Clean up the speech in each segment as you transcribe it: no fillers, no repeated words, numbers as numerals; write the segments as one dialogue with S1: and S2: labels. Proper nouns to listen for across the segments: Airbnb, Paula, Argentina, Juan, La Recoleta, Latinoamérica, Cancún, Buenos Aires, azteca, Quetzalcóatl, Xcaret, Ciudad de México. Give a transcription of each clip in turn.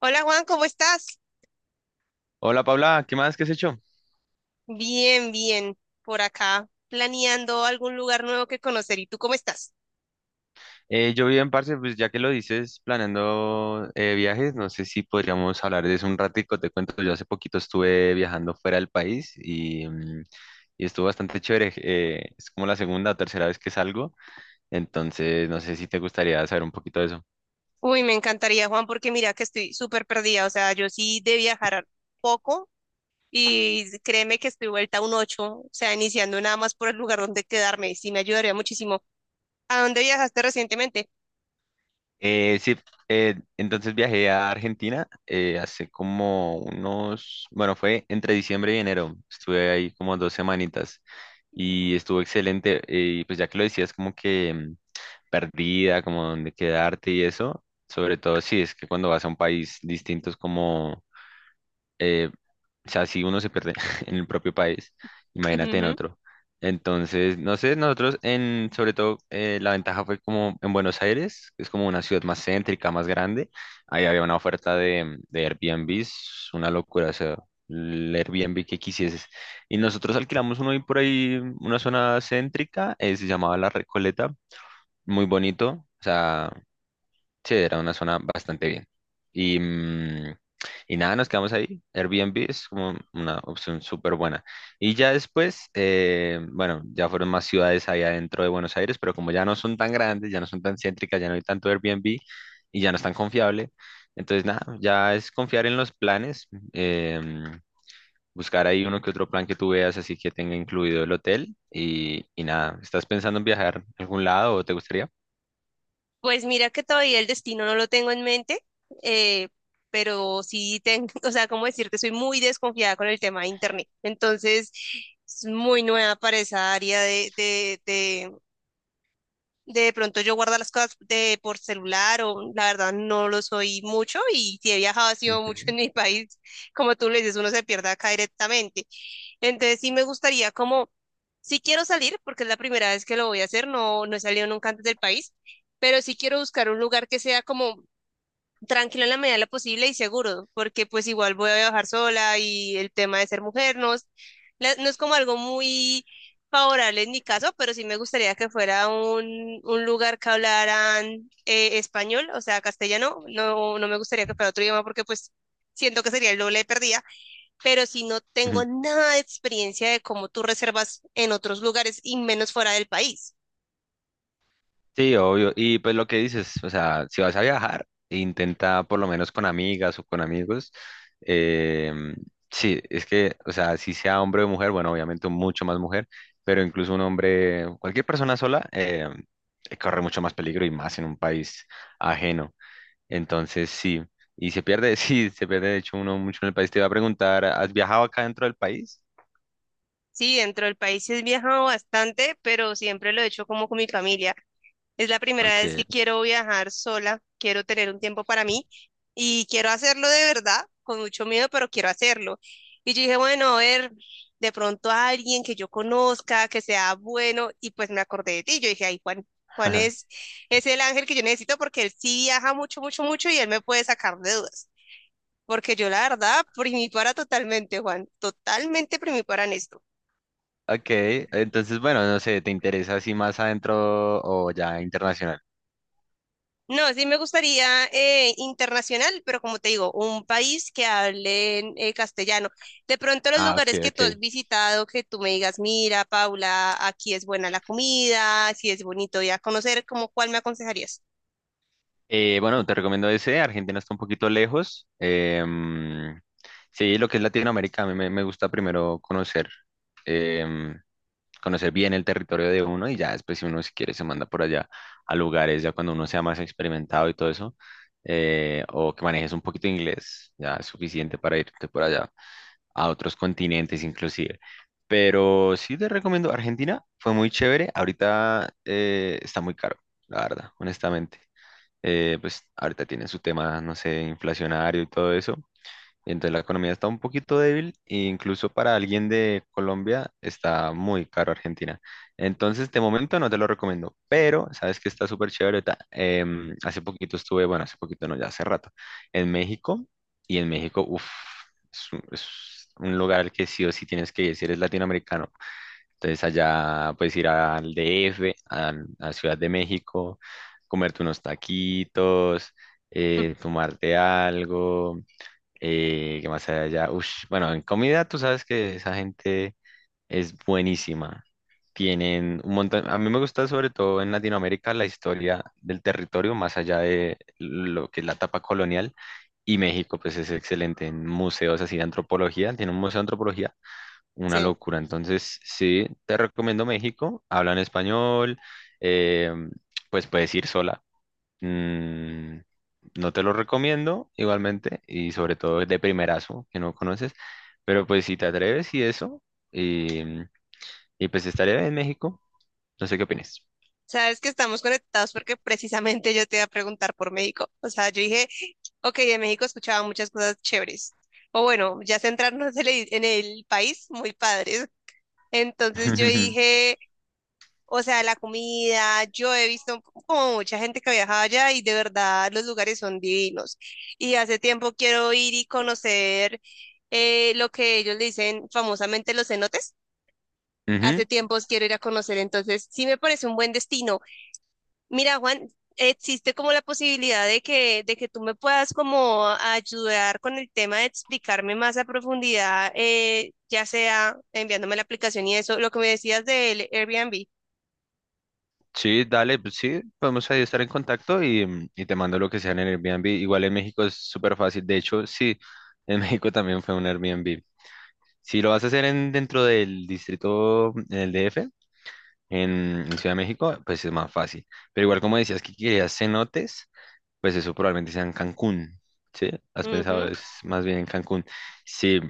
S1: Hola Juan, ¿cómo estás?
S2: Hola Paula, ¿qué más? ¿Qué has hecho?
S1: Bien, bien, por acá, planeando algún lugar nuevo que conocer. ¿Y tú cómo estás?
S2: Yo bien, parce, pues ya que lo dices, planeando viajes, no sé si podríamos hablar de eso un ratico. Te cuento, yo hace poquito estuve viajando fuera del país y y estuvo bastante chévere. Es como la segunda o tercera vez que salgo, entonces no sé si te gustaría saber un poquito de eso.
S1: Uy, me encantaría Juan, porque mira que estoy súper perdida. O sea, yo sí de viajar poco. Y créeme que estoy vuelta a un ocho, o sea, iniciando nada más por el lugar donde quedarme, sí me ayudaría muchísimo. ¿A dónde viajaste recientemente?
S2: Sí, entonces viajé a Argentina hace como unos, bueno, fue entre diciembre y enero, estuve ahí como dos semanitas. Y estuvo excelente. Y pues ya que lo decías, como que perdida, como dónde quedarte y eso, sobre todo si es que cuando vas a un país distinto es como, eh, o sea, si uno se pierde en el propio país, imagínate en
S1: Ujú.
S2: otro. Entonces, no sé, nosotros en, sobre todo, la ventaja fue como en Buenos Aires, que es como una ciudad más céntrica, más grande. Ahí había una oferta de Airbnbs, una locura, o sea, el Airbnb que quisieses. Y nosotros alquilamos uno ahí por ahí, una zona céntrica, se llamaba La Recoleta, muy bonito, o sea, sí, era una zona bastante bien. Y y nada, nos quedamos ahí. Airbnb es como una opción súper buena. Y ya después, bueno, ya fueron más ciudades ahí adentro de Buenos Aires, pero como ya no son tan grandes, ya no son tan céntricas, ya no hay tanto Airbnb y ya no es tan confiable. Entonces, nada, ya es confiar en los planes, em, buscar ahí uno que otro plan que tú veas, así que tenga incluido el hotel. Y nada, ¿estás pensando en viajar a algún lado o te gustaría?
S1: Pues mira que todavía el destino no lo tengo en mente, eh, pero sí tengo, o sea, cómo decirte, soy muy desconfiada con el tema de internet. Entonces, es muy nueva para esa área de. De pronto yo guardo las cosas de, por celular, o la verdad no lo soy mucho, y si he viajado ha sido mucho
S2: Ujú.
S1: en mi país, como tú le dices, uno se pierde acá directamente. Entonces sí me gustaría como, sí quiero salir porque es la primera vez que lo voy a hacer, no, no he salido nunca antes del país, pero sí quiero buscar un lugar que sea como tranquilo en la medida de lo posible y seguro, porque pues igual voy a viajar sola y el tema de ser mujer no es, no es como algo muy favorable en mi caso, pero sí me gustaría que fuera un lugar que hablaran español, o sea, castellano, no, no me gustaría que fuera otro idioma porque pues siento que sería el doble de perdida, pero si no tengo nada de experiencia de cómo tú reservas en otros lugares y menos fuera del país.
S2: Sí, obvio. Y pues lo que dices, o sea, si vas a viajar, intenta por lo menos con amigas o con amigos. em, sí, es que, o sea, si sea hombre o mujer, bueno, obviamente mucho más mujer, pero incluso un hombre, cualquier persona sola, corre mucho más peligro y más en un país ajeno. Entonces, sí. Y se pierde, sí, se pierde de hecho uno mucho en el país. Te iba a preguntar, ¿has viajado acá dentro del país?
S1: Sí, dentro del país sí he viajado bastante, pero siempre lo he hecho como con mi familia. Es la primera vez
S2: Ok.
S1: que quiero viajar sola, quiero tener un tiempo para mí y quiero hacerlo de verdad, con mucho miedo, pero quiero hacerlo. Y yo dije, bueno, a ver, de pronto a alguien que yo conozca, que sea bueno, y pues me acordé de ti. Yo dije, ay, Juan, Juan es el ángel que yo necesito porque él sí viaja mucho, mucho, mucho y él me puede sacar de dudas. Porque yo la verdad, primipara totalmente, Juan, totalmente primipara en esto.
S2: Ok, entonces, bueno, no sé, ¿te interesa así más adentro o ya internacional?
S1: No, sí me gustaría internacional, pero como te digo, un país que hable en castellano. De pronto los
S2: Ah, ok,
S1: lugares que
S2: ok.
S1: tú has visitado, que tú me digas, mira, Paula, aquí es buena la comida, si es bonito ir a conocer, ¿cómo cuál me aconsejarías?
S2: Bueno, te recomiendo ese, Argentina está un poquito lejos. Sí, lo que es Latinoamérica, a me gusta primero conocer, em, conocer bien el territorio de uno y ya después si uno si quiere se manda por allá a lugares, ya cuando uno sea más experimentado y todo eso, o que manejes un poquito de inglés, ya es suficiente para irte por allá, a otros continentes inclusive. Pero sí te recomiendo Argentina, fue muy chévere. Ahorita está muy caro, la verdad, honestamente. Pues ahorita tienen su tema, no sé, inflacionario y todo eso. Entonces la economía está un poquito débil e incluso para alguien de Colombia está muy caro Argentina. Entonces de momento no te lo recomiendo, pero sabes que está súper chévere. Hace poquito estuve, bueno, hace poquito no, ya hace rato, en México, y en México, uff, es un lugar al que sí o sí tienes que ir si eres latinoamericano. Entonces allá puedes ir al DF, a Ciudad de México, comerte unos taquitos,
S1: Mm.
S2: tomarte algo, ¿qué más hay allá? Ush, bueno, en comida tú sabes que esa gente es buenísima. Tienen un montón, a mí me gusta sobre todo en Latinoamérica la historia del territorio, más allá de lo que es la etapa colonial. Y México, pues es excelente en museos así de antropología, tiene un museo de antropología, una
S1: Sí.
S2: locura. Entonces, sí, te recomiendo México, hablan español, eh, pues puedes ir sola. Mm, no te lo recomiendo igualmente y sobre todo de primerazo que no conoces, pero pues si te atreves y eso, y, mm, y pues estaré en México, no sé qué opinas.
S1: Sabes que estamos conectados porque precisamente yo te iba a preguntar por México. O sea, yo dije, ok, de México escuchaba muchas cosas chéveres. O bueno, ya centrarnos en el país, muy padres. Entonces yo dije... O sea, la comida, yo he visto como mucha gente que viaja allá y de verdad los lugares son divinos. Y hace tiempo quiero ir y conocer lo que ellos le dicen famosamente los cenotes.
S2: Ujú.
S1: Hace tiempos quiero ir a conocer, entonces sí me parece un buen destino. Mira, Juan, existe como la posibilidad de que tú me puedas como ayudar con el tema de explicarme más a profundidad, ya sea enviándome la aplicación y eso, lo que me decías del Airbnb.
S2: Sí, dale, pues sí, podemos ahí estar en contacto y y te mando lo que sea en el Airbnb. Igual en México es súper fácil, de hecho, sí, en México también fue un Airbnb. Si lo vas a hacer en, dentro del distrito, mm, en el DF en, en Ciudad de México, pues es más fácil. Pero igual como decías que querías cenotes, pues eso probablemente sea en Cancún, ¿sí? ¿Has pensado
S1: Ujú,
S2: es más bien en Cancún? Sí,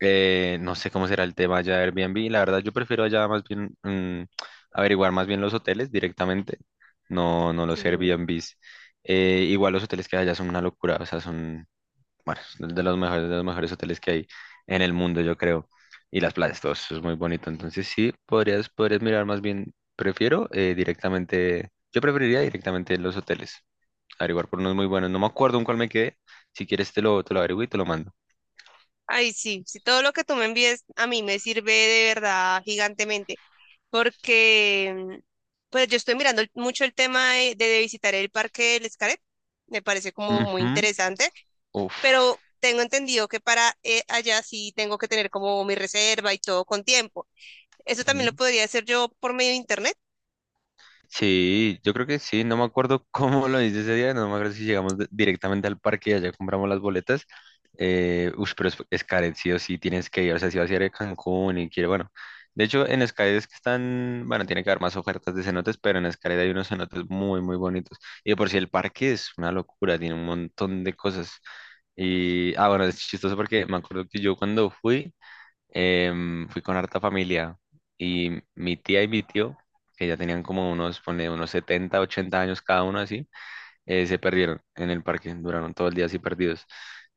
S2: no sé cómo será el tema allá de Airbnb, la verdad yo prefiero allá más bien averiguar más bien los hoteles directamente, no, no los
S1: sí.
S2: Airbnbs. Igual los hoteles que hay allá son una locura, o sea, son, bueno, son de los mejores hoteles que hay en el mundo, yo creo. Y las playas, todo eso es muy bonito. Entonces sí, podrías, podrías mirar más bien, prefiero directamente, yo preferiría directamente los hoteles, averiguar por unos muy buenos. No me acuerdo en cuál me quedé. Si quieres te te lo averiguo y te lo mando.
S1: Ay, sí, si todo lo que tú me envíes a mí me sirve de verdad gigantemente, porque pues yo estoy mirando mucho el tema de visitar el parque del Xcaret, me parece como muy
S2: Ujú.
S1: interesante,
S2: Uf.
S1: pero tengo entendido que para allá sí tengo que tener como mi reserva y todo con tiempo. Eso también lo
S2: Ujú.
S1: podría hacer yo por medio de internet.
S2: Sí, yo creo que sí, no me acuerdo cómo lo hice ese día, no me acuerdo si llegamos directamente al parque y allá compramos las boletas. Ush, pero es Xcaret, sí o sí tienes que ir, o sea, si vas a ir a Cancún y quiere, bueno, de hecho en Xcaret es que están, bueno, tiene que haber más ofertas de cenotes, pero en Xcaret hay unos cenotes muy, muy bonitos. Y de por sí el parque es una locura, tiene un montón de cosas. Y, ah, bueno, es chistoso porque me acuerdo que yo cuando fui, fui con harta familia y mi tía y mi tío, que ya tenían como unos, pone, unos 70 u 80 años cada uno así, se perdieron en el parque, duraron todo el día así perdidos.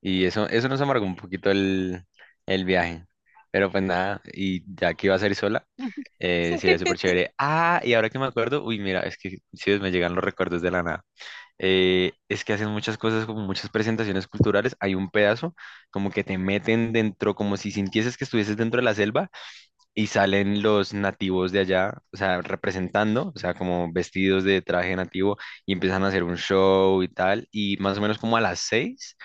S2: Y eso nos amargó un poquito el viaje. Pero pues nada, y ya que iba a salir sola, sería súper chévere. Ah, y ahora que me acuerdo, uy, mira, es que sí, me llegan los recuerdos de la nada. Es que hacen muchas cosas, como muchas presentaciones culturales. Hay un pedazo como que te meten dentro, como si sintieses que estuvieses dentro de la selva y salen los nativos de allá, o sea, representando, o sea, como vestidos de traje nativo y empiezan a hacer un show y tal. Y más o menos como a las 6,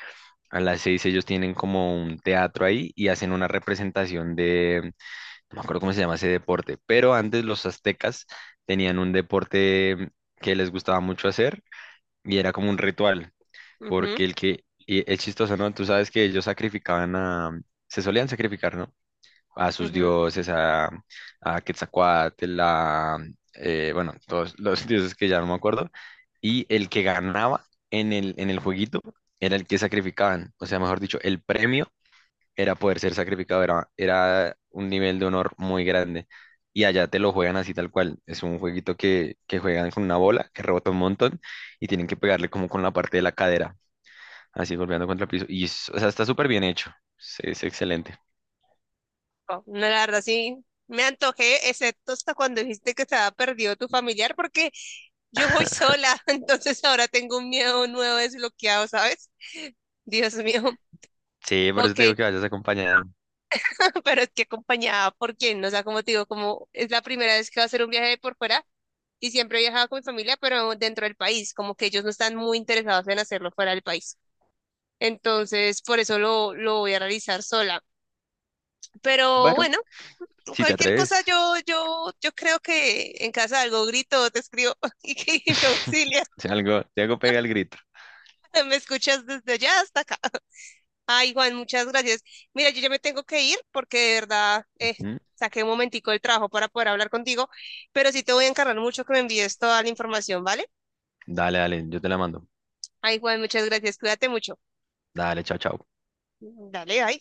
S2: a las seis ellos tienen como un teatro ahí y hacen una representación de, no me acuerdo cómo se llama ese deporte, pero antes los aztecas tenían un deporte que les gustaba mucho hacer y era como un ritual
S1: Ujú,
S2: porque el que, y es chistoso, ¿no? Tú sabes que ellos sacrificaban a, se solían sacrificar, ¿no? A sus
S1: ujú.
S2: dioses, a Quetzalcóatl, a, bueno, todos los dioses que ya no me acuerdo, y el que ganaba en el jueguito era el que sacrificaban, o sea, mejor dicho, el premio era poder ser sacrificado, era un nivel de honor muy grande. Y allá te lo juegan así tal cual. Es un jueguito que juegan con una bola que rebota un montón y tienen que pegarle como con la parte de la cadera, así golpeando contra el piso. O sea, está súper bien hecho. Sí, es excelente.
S1: Oh, no, la verdad sí, me antojé, excepto hasta cuando dijiste que estaba perdido tu familiar, porque yo voy sola, entonces ahora tengo un miedo nuevo desbloqueado, ¿sabes? Dios mío.
S2: Sí, por eso
S1: Ok,
S2: te digo que vayas acompañado.
S1: pero es que acompañada por quién, o sea, como te digo, como es la primera vez que va a hacer un viaje de por fuera y siempre he viajado con mi familia, pero dentro del país, como que ellos no están muy interesados en hacerlo fuera del país. Entonces, por eso lo voy a realizar sola. Pero
S2: Bueno,
S1: bueno,
S2: si te
S1: cualquier
S2: atreves.
S1: cosa yo, yo creo que en casa algo grito, te escribo y, que me auxilia.
S2: Si algo, si algo pega el grito.
S1: Me escuchas desde allá hasta acá. Ay, Juan, muchas gracias. Mira, yo ya me tengo que ir porque de verdad
S2: Ujú.
S1: saqué un momentico del trabajo para poder hablar contigo, pero sí te voy a encargar mucho que me envíes toda la información, ¿vale?
S2: Dale, dale, yo te la mando.
S1: Ay, Juan, muchas gracias. Cuídate mucho.
S2: Dale, chao, chao.
S1: Dale, bye.